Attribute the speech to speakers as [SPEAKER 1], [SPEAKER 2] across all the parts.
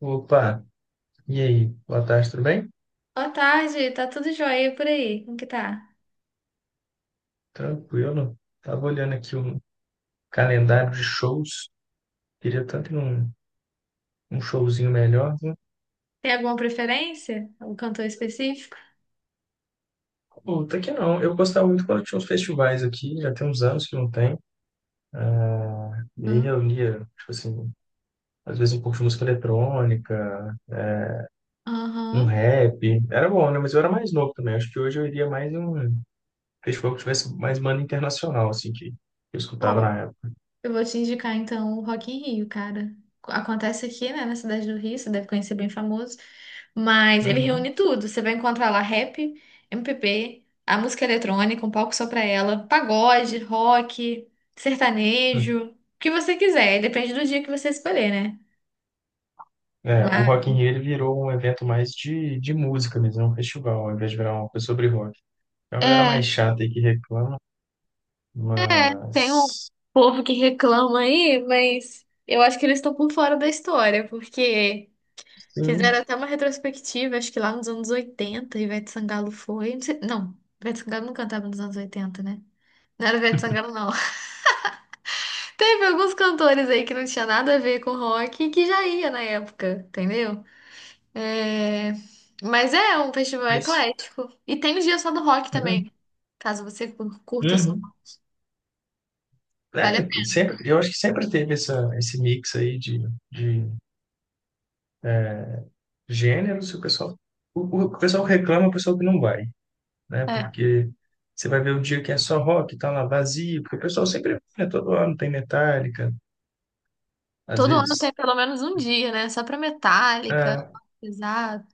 [SPEAKER 1] Opa, e aí? Boa tarde, tudo bem?
[SPEAKER 2] Boa tarde, tá tudo jóia e por aí? Como que tá?
[SPEAKER 1] Tranquilo. Tava olhando aqui um calendário de shows. Queria tanto ir num showzinho melhor, né?
[SPEAKER 2] Tem alguma preferência? Algum cantor específico?
[SPEAKER 1] Puta que não. Eu gostava muito quando tinha uns festivais aqui, já tem uns anos que não tem. Ah, e aí
[SPEAKER 2] Não.
[SPEAKER 1] reunia, tipo assim, às vezes um pouco de música eletrônica, um
[SPEAKER 2] Aham.
[SPEAKER 1] rap. Era bom, né? Mas eu era mais novo também. Acho que hoje eu iria mais em um festival que tivesse mais banda internacional, assim, que eu escutava
[SPEAKER 2] Ó,
[SPEAKER 1] na época.
[SPEAKER 2] eu vou te indicar então o Rock in Rio, cara. Acontece aqui, né, na cidade do Rio, você deve conhecer bem famoso. Mas ele reúne tudo. Você vai encontrar lá rap, MPB, a música eletrônica, um palco só pra ela, pagode, rock,
[SPEAKER 1] Uhum.
[SPEAKER 2] sertanejo, o que você quiser. Depende do dia que você escolher, né?
[SPEAKER 1] É, o
[SPEAKER 2] Mas...
[SPEAKER 1] Rock in Rio ele virou um evento mais de música mesmo, é um festival, ao invés de virar uma coisa sobre rock. É uma galera
[SPEAKER 2] É,
[SPEAKER 1] mais chata aí que reclama,
[SPEAKER 2] É, tem um
[SPEAKER 1] mas.
[SPEAKER 2] povo que reclama aí, mas eu acho que eles estão por fora da história, porque fizeram
[SPEAKER 1] Sim,
[SPEAKER 2] até uma retrospectiva, acho que lá nos anos 80, Ivete Sangalo foi. Não, Ivete Sangalo não cantava nos anos oitenta, né? Não era Ivete Sangalo, não. Teve alguns cantores aí que não tinha nada a ver com rock que já ia na época, entendeu? É, mas é um festival
[SPEAKER 1] mas.
[SPEAKER 2] eclético. E tem os dias só do rock
[SPEAKER 1] Uhum.
[SPEAKER 2] também, caso você curta só.
[SPEAKER 1] Uhum.
[SPEAKER 2] Vale a
[SPEAKER 1] É, sempre, eu acho que sempre teve essa, esse mix aí de é, gêneros, e o pessoal, o pessoal que reclama, é o pessoal que não vai, né?
[SPEAKER 2] pena.
[SPEAKER 1] Porque você vai ver o dia que é só rock, tá lá vazio, porque o pessoal sempre, né, todo ano tem Metallica, às
[SPEAKER 2] Todo ano tem
[SPEAKER 1] vezes.
[SPEAKER 2] pelo menos um dia, né? Só pra Metallica,
[SPEAKER 1] É.
[SPEAKER 2] pesado.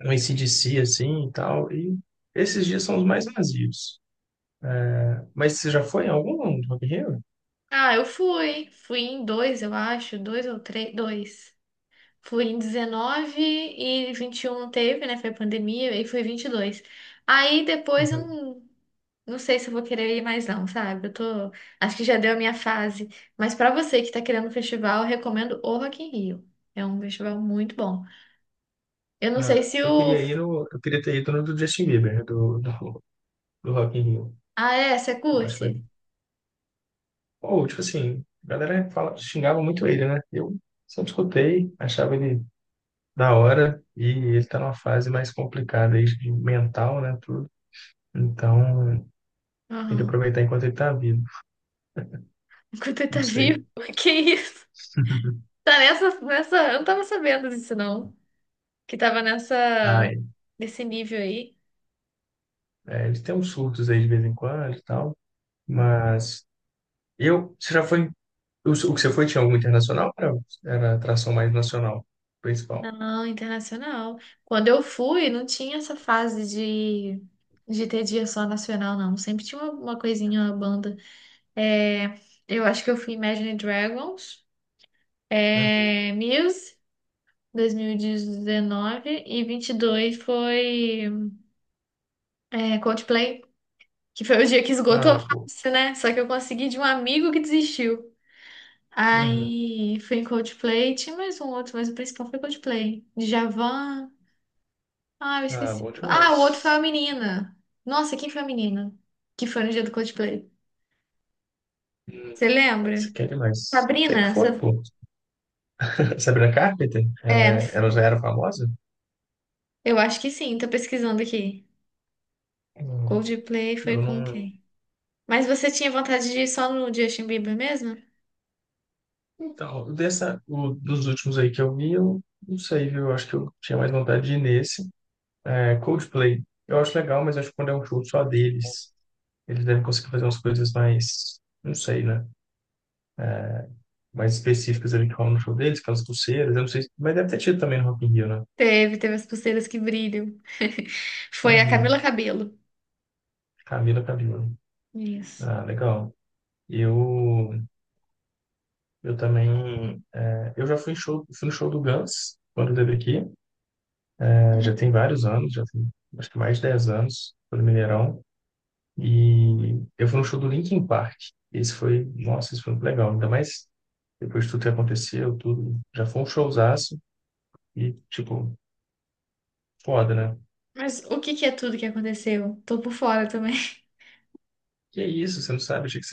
[SPEAKER 1] No AC/DC, assim, e tal. E esses dias são os mais vazios. Mas você já foi em algum do Rock in Rio?
[SPEAKER 2] Ah, eu fui. Fui em dois, eu acho. Dois ou três. Dois. Fui em 19 e 21 teve, né? Foi pandemia. E fui 22. Aí depois eu
[SPEAKER 1] Uhum.
[SPEAKER 2] não sei se eu vou querer ir mais não, sabe? Eu tô... Acho que já deu a minha fase. Mas pra você que tá querendo um festival, eu recomendo o Rock in Rio. É um festival muito bom. Eu não sei
[SPEAKER 1] Ah,
[SPEAKER 2] se o...
[SPEAKER 1] eu queria ter ido no do Justin Bieber, né, do Rock in Rio.
[SPEAKER 2] Ah, é? Você
[SPEAKER 1] Eu acho que vai.
[SPEAKER 2] curte?
[SPEAKER 1] Ou, tipo assim, a galera fala, xingava muito ele, né? Eu sempre escutei, achava ele da hora e ele tá numa fase mais complicada aí, de mental, né, tudo. Então, tem que
[SPEAKER 2] Aham.
[SPEAKER 1] aproveitar enquanto ele tá vivo.
[SPEAKER 2] Enquanto ele tá
[SPEAKER 1] Não sei.
[SPEAKER 2] vivo? Que isso? Tá nessa. Eu não tava sabendo disso, não. Que tava
[SPEAKER 1] Ah,
[SPEAKER 2] nessa.
[SPEAKER 1] é.
[SPEAKER 2] Nesse nível aí.
[SPEAKER 1] É, ele tem uns surtos aí de vez em quando e tal. Mas você já foi, o que você foi tinha algum internacional? Era atração mais nacional, principal.
[SPEAKER 2] Não, internacional. Quando eu fui, não tinha essa fase de ter dia só nacional, não. Sempre tinha uma coisinha, uma banda. É, eu acho que eu fui Imagine Dragons,
[SPEAKER 1] Uhum.
[SPEAKER 2] é, Muse, dois mil e 22 foi é, Coldplay. Que foi o dia que esgotou
[SPEAKER 1] Ah, pô.
[SPEAKER 2] fácil, né? Só que eu consegui de um amigo que desistiu.
[SPEAKER 1] Uhum.
[SPEAKER 2] Aí fui em Coldplay, tinha mais um outro, mas o principal foi Coldplay. Djavan. Ah, eu
[SPEAKER 1] Ah,
[SPEAKER 2] esqueci.
[SPEAKER 1] bom
[SPEAKER 2] Ah, o outro
[SPEAKER 1] demais.
[SPEAKER 2] foi a menina. Nossa, quem foi a menina? Que foi no dia do Coldplay.
[SPEAKER 1] Hum.
[SPEAKER 2] Você
[SPEAKER 1] Mas você
[SPEAKER 2] lembra?
[SPEAKER 1] quer demais. Sei que
[SPEAKER 2] Sabrina?
[SPEAKER 1] foi,
[SPEAKER 2] Sa-
[SPEAKER 1] pô. Sabrina Carpenter? Ela,
[SPEAKER 2] É,
[SPEAKER 1] ela já era famosa?
[SPEAKER 2] eu acho que sim, tô pesquisando aqui.
[SPEAKER 1] Não,
[SPEAKER 2] Coldplay foi
[SPEAKER 1] eu
[SPEAKER 2] com
[SPEAKER 1] não.
[SPEAKER 2] quem? Mas você tinha vontade de ir só no Justin Bieber mesmo?
[SPEAKER 1] Então, dessa, dos últimos aí que eu vi, eu não sei, viu? Eu acho que eu tinha mais vontade de ir nesse. É, Coldplay. Eu acho legal, mas acho que quando é um show só deles, eles devem conseguir fazer umas coisas mais. Não sei, né? Mais específicas ali que rolam no show deles, aquelas pulseiras, eu não sei, mas deve ter tido também no Rock in Rio, né?
[SPEAKER 2] Teve as pulseiras que brilham. Foi a Camila
[SPEAKER 1] Uhum.
[SPEAKER 2] Cabello.
[SPEAKER 1] Camila Cabello.
[SPEAKER 2] Isso.
[SPEAKER 1] Ah, legal. Eu, eu também, eu já fui, em show, fui no show do Guns, quando teve aqui. É, já tem vários anos, já tem acho que mais de 10 anos, foi no Mineirão, e eu fui no show do Linkin Park. Esse foi, nossa, esse foi muito legal, ainda mais depois de tudo que aconteceu, tudo, já foi um showzaço, e tipo, foda, né?
[SPEAKER 2] Mas o que que é tudo que aconteceu? Tô por fora também.
[SPEAKER 1] Que é isso, você não sabe? Achei que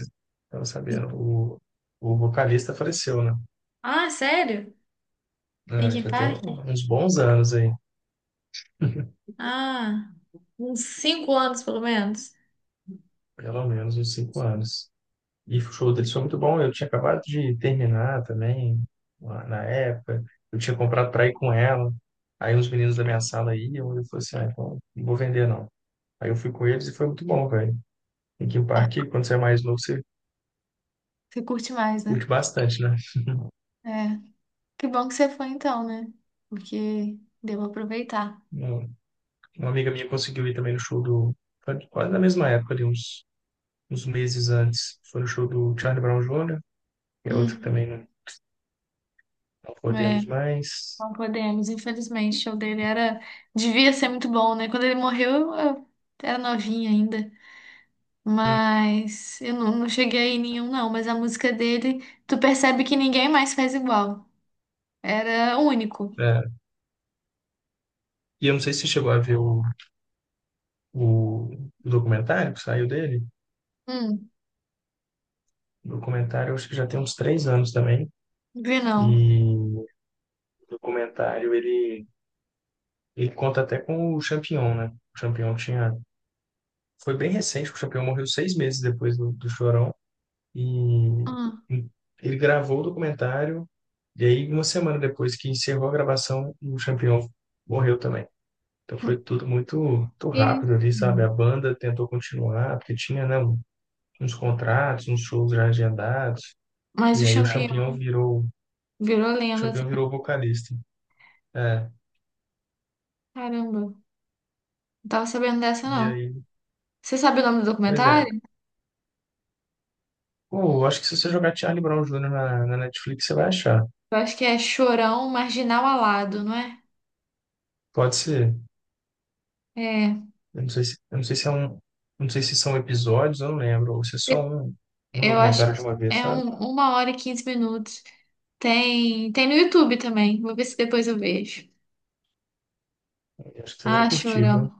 [SPEAKER 1] você. Eu não. O, o vocalista faleceu, né?
[SPEAKER 2] Ah, sério?
[SPEAKER 1] É,
[SPEAKER 2] Linkin
[SPEAKER 1] já tem
[SPEAKER 2] Park?
[SPEAKER 1] uns bons anos aí,
[SPEAKER 2] Ah, uns 5 anos pelo menos.
[SPEAKER 1] pelo menos uns 5 anos. E o show deles foi muito bom. Eu tinha acabado de terminar também, lá na época. Eu tinha comprado para ir com ela. Aí uns meninos da minha sala iam, e eu falei assim, ah, então não vou vender não. Aí eu fui com eles e foi muito bom, velho. Linkin
[SPEAKER 2] Ah,
[SPEAKER 1] Park, quando você é mais novo, você
[SPEAKER 2] você curte mais,
[SPEAKER 1] curte
[SPEAKER 2] né?
[SPEAKER 1] bastante, né?
[SPEAKER 2] É. Que bom que você foi então, né? Porque deu aproveitar.
[SPEAKER 1] Uma uma amiga minha conseguiu ir também no show do. Quase na mesma época, ali, uns meses antes foi o show do Charlie Brown Jr., que é outro que
[SPEAKER 2] Uhum.
[SPEAKER 1] também não, não
[SPEAKER 2] É,
[SPEAKER 1] podemos mais.
[SPEAKER 2] não podemos, infelizmente. O show dele era. Devia ser muito bom, né? Quando ele morreu, eu era novinha ainda.
[SPEAKER 1] Hum,
[SPEAKER 2] Mas eu não cheguei em nenhum, não. Mas a música dele, tu percebe que ninguém mais faz igual. Era único.
[SPEAKER 1] é. E eu não sei se você chegou a ver o, documentário que saiu dele.
[SPEAKER 2] Hum.
[SPEAKER 1] O documentário eu acho que já tem uns 3 anos também.
[SPEAKER 2] Vinão.
[SPEAKER 1] E o documentário ele conta até com o Champion, né? O Champion tinha. Foi bem recente, que o Champion morreu 6 meses depois do Chorão. E
[SPEAKER 2] Ah,
[SPEAKER 1] ele gravou o documentário. E aí, uma semana depois que encerrou a gravação, o Champion morreu também. Então foi tudo muito, muito
[SPEAKER 2] que isso,
[SPEAKER 1] rápido ali, sabe?
[SPEAKER 2] menina?
[SPEAKER 1] A banda tentou continuar, porque tinha, né, uns contratos, uns shows já agendados,
[SPEAKER 2] Mas o
[SPEAKER 1] e aí
[SPEAKER 2] champignon virou
[SPEAKER 1] O
[SPEAKER 2] lenda
[SPEAKER 1] Champignon
[SPEAKER 2] também.
[SPEAKER 1] virou vocalista. É,
[SPEAKER 2] Caramba, não tava sabendo dessa,
[SPEAKER 1] e
[SPEAKER 2] não.
[SPEAKER 1] aí,
[SPEAKER 2] Você sabe o nome do
[SPEAKER 1] pois é.
[SPEAKER 2] documentário?
[SPEAKER 1] Pô, eu acho que se você jogar Charlie Brown Jr. na Netflix, você vai achar.
[SPEAKER 2] Eu acho que é Chorão Marginal Alado, não é?
[SPEAKER 1] Pode ser.
[SPEAKER 2] É.
[SPEAKER 1] Eu não sei se é um, não sei se são episódios, eu não lembro, ou se é só
[SPEAKER 2] Eu
[SPEAKER 1] um
[SPEAKER 2] eu acho que
[SPEAKER 1] documentário de uma vez,
[SPEAKER 2] é
[SPEAKER 1] sabe?
[SPEAKER 2] um, 1 hora e 15 minutos. Tem no YouTube também. Vou ver se depois eu vejo.
[SPEAKER 1] Eu acho que você vai
[SPEAKER 2] Ah,
[SPEAKER 1] curtir,
[SPEAKER 2] Chorão.
[SPEAKER 1] viu?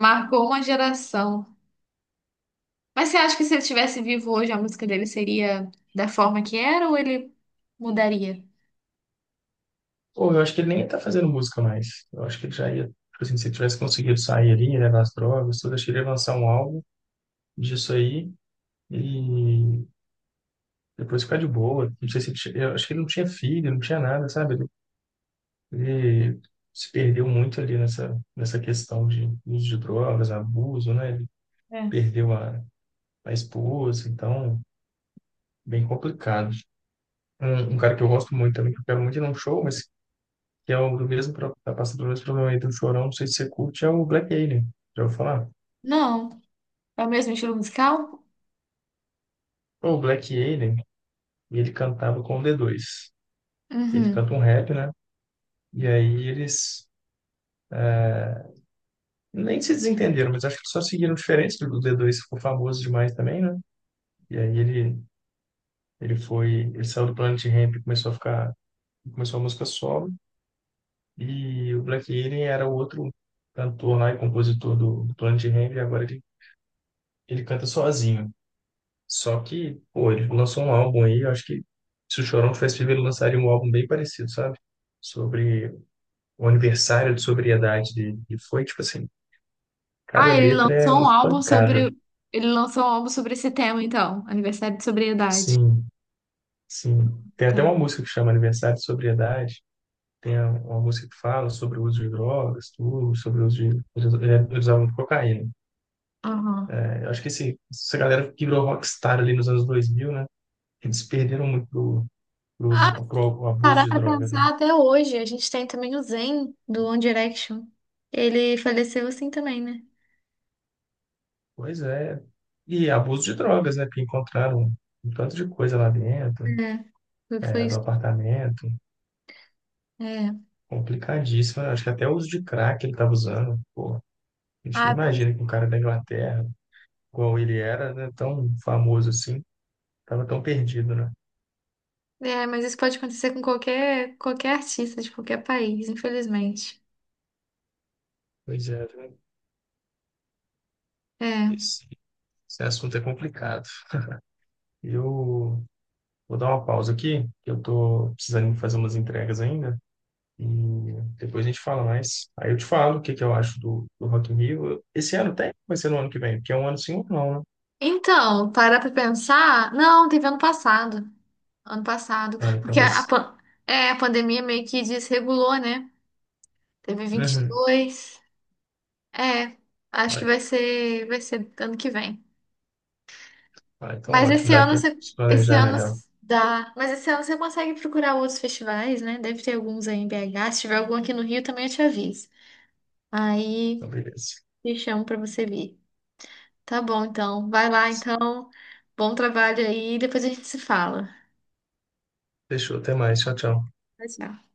[SPEAKER 2] Marcou uma geração. Mas você acha que se ele estivesse vivo hoje, a música dele seria da forma que era ou ele mudaria?
[SPEAKER 1] Pô, eu acho que ele nem ia estar fazendo música mais. Eu acho que ele já ia, tipo assim, se ele tivesse conseguido sair ali, né, das drogas, tudo, acho que ele ia lançar um álbum disso aí e depois ficar de boa. Não sei se ele, eu acho que ele não tinha filho, não tinha nada, sabe? Ele se perdeu muito ali nessa questão de uso de drogas, abuso, né? Ele
[SPEAKER 2] É.
[SPEAKER 1] perdeu a esposa, então, bem complicado. Um cara que eu gosto muito também, que eu quero muito ir num show, mas que é o do mesmo, tá passando pelo mesmo problema aí do Chorão, não sei se você curte, é o Black Alien. Já ouviu falar?
[SPEAKER 2] Não. É o mesmo estilo musical?
[SPEAKER 1] O Black Alien, ele cantava com o D2. Ele
[SPEAKER 2] Uhum.
[SPEAKER 1] canta um rap, né? E aí eles nem se desentenderam, mas acho que só seguiram diferentes do D2, ficou famoso demais também, né? E aí ele saiu do Planet Hemp e começou a ficar, começou a música solo. E o Black Alien era o outro cantor lá e compositor do Planet Hemp, e agora ele canta sozinho. Só que, pô, ele lançou um álbum aí, eu acho que se o Chorão tivesse vivo, ele lançaria um álbum bem parecido, sabe? Sobre o aniversário de sobriedade dele. E foi, tipo assim, cada
[SPEAKER 2] Ah, ele
[SPEAKER 1] letra é
[SPEAKER 2] lançou um
[SPEAKER 1] uma
[SPEAKER 2] álbum
[SPEAKER 1] pancada.
[SPEAKER 2] sobre. Ele lançou um álbum sobre esse tema, então. Aniversário de sobriedade.
[SPEAKER 1] Sim, sim. Tem até
[SPEAKER 2] Tá.
[SPEAKER 1] uma música que chama Aniversário de Sobriedade. Tem uma música que fala sobre o uso de drogas, tudo, sobre o uso de. Eles usavam cocaína,
[SPEAKER 2] Aham.
[SPEAKER 1] né? Eu acho que esse, essa galera que virou rockstar ali nos anos 2000, né? Eles perderam muito
[SPEAKER 2] Ah,
[SPEAKER 1] pro abuso
[SPEAKER 2] parar
[SPEAKER 1] de
[SPEAKER 2] pra
[SPEAKER 1] drogas, né?
[SPEAKER 2] pensar até hoje. A gente tem também o Zayn, do One Direction. Ele faleceu assim também, né?
[SPEAKER 1] Pois é. E abuso de drogas, né? Porque encontraram um tanto de coisa lá dentro,
[SPEAKER 2] É. Foi
[SPEAKER 1] do
[SPEAKER 2] isso.
[SPEAKER 1] apartamento.
[SPEAKER 2] É.
[SPEAKER 1] Complicadíssimo, né? Acho que até o uso de crack ele estava usando. Pô, a gente não
[SPEAKER 2] Ah, pois
[SPEAKER 1] imagina que um cara da Inglaterra, igual ele era, né? Tão famoso assim, estava tão perdido, né?
[SPEAKER 2] é, mas isso pode acontecer com qualquer artista de qualquer país, infelizmente.
[SPEAKER 1] Pois é, né?
[SPEAKER 2] É.
[SPEAKER 1] esse, esse assunto é complicado. Eu vou dar uma pausa aqui, que eu tô precisando fazer umas entregas ainda. E depois a gente fala mais. Aí eu te falo o que que eu acho do Rock in Rio. Esse ano tem? Vai ser no ano que vem? Porque é um ano sim ou não, né?
[SPEAKER 2] Então, parar pra pensar. Não, teve ano passado. Ano passado.
[SPEAKER 1] Ah, então
[SPEAKER 2] Porque
[SPEAKER 1] vai ser.
[SPEAKER 2] é, a pandemia meio que desregulou, né? Teve vinte e
[SPEAKER 1] Uhum.
[SPEAKER 2] dois É, acho que
[SPEAKER 1] Ah,
[SPEAKER 2] vai ser ano que vem.
[SPEAKER 1] ah, então
[SPEAKER 2] Mas
[SPEAKER 1] ótimo. Dá tempo de se
[SPEAKER 2] esse
[SPEAKER 1] planejar
[SPEAKER 2] ano
[SPEAKER 1] melhor.
[SPEAKER 2] dá. Mas esse ano você consegue procurar outros festivais, né? Deve ter alguns aí em BH. Se tiver algum aqui no Rio, também eu te aviso.
[SPEAKER 1] Então,
[SPEAKER 2] Aí
[SPEAKER 1] beleza.
[SPEAKER 2] te chamo pra você vir. Tá bom, então. Vai lá,
[SPEAKER 1] Beleza.
[SPEAKER 2] então. Bom trabalho aí. Depois a gente se fala.
[SPEAKER 1] Fechou. Até mais. Tchau, tchau.
[SPEAKER 2] Tchau, tchau.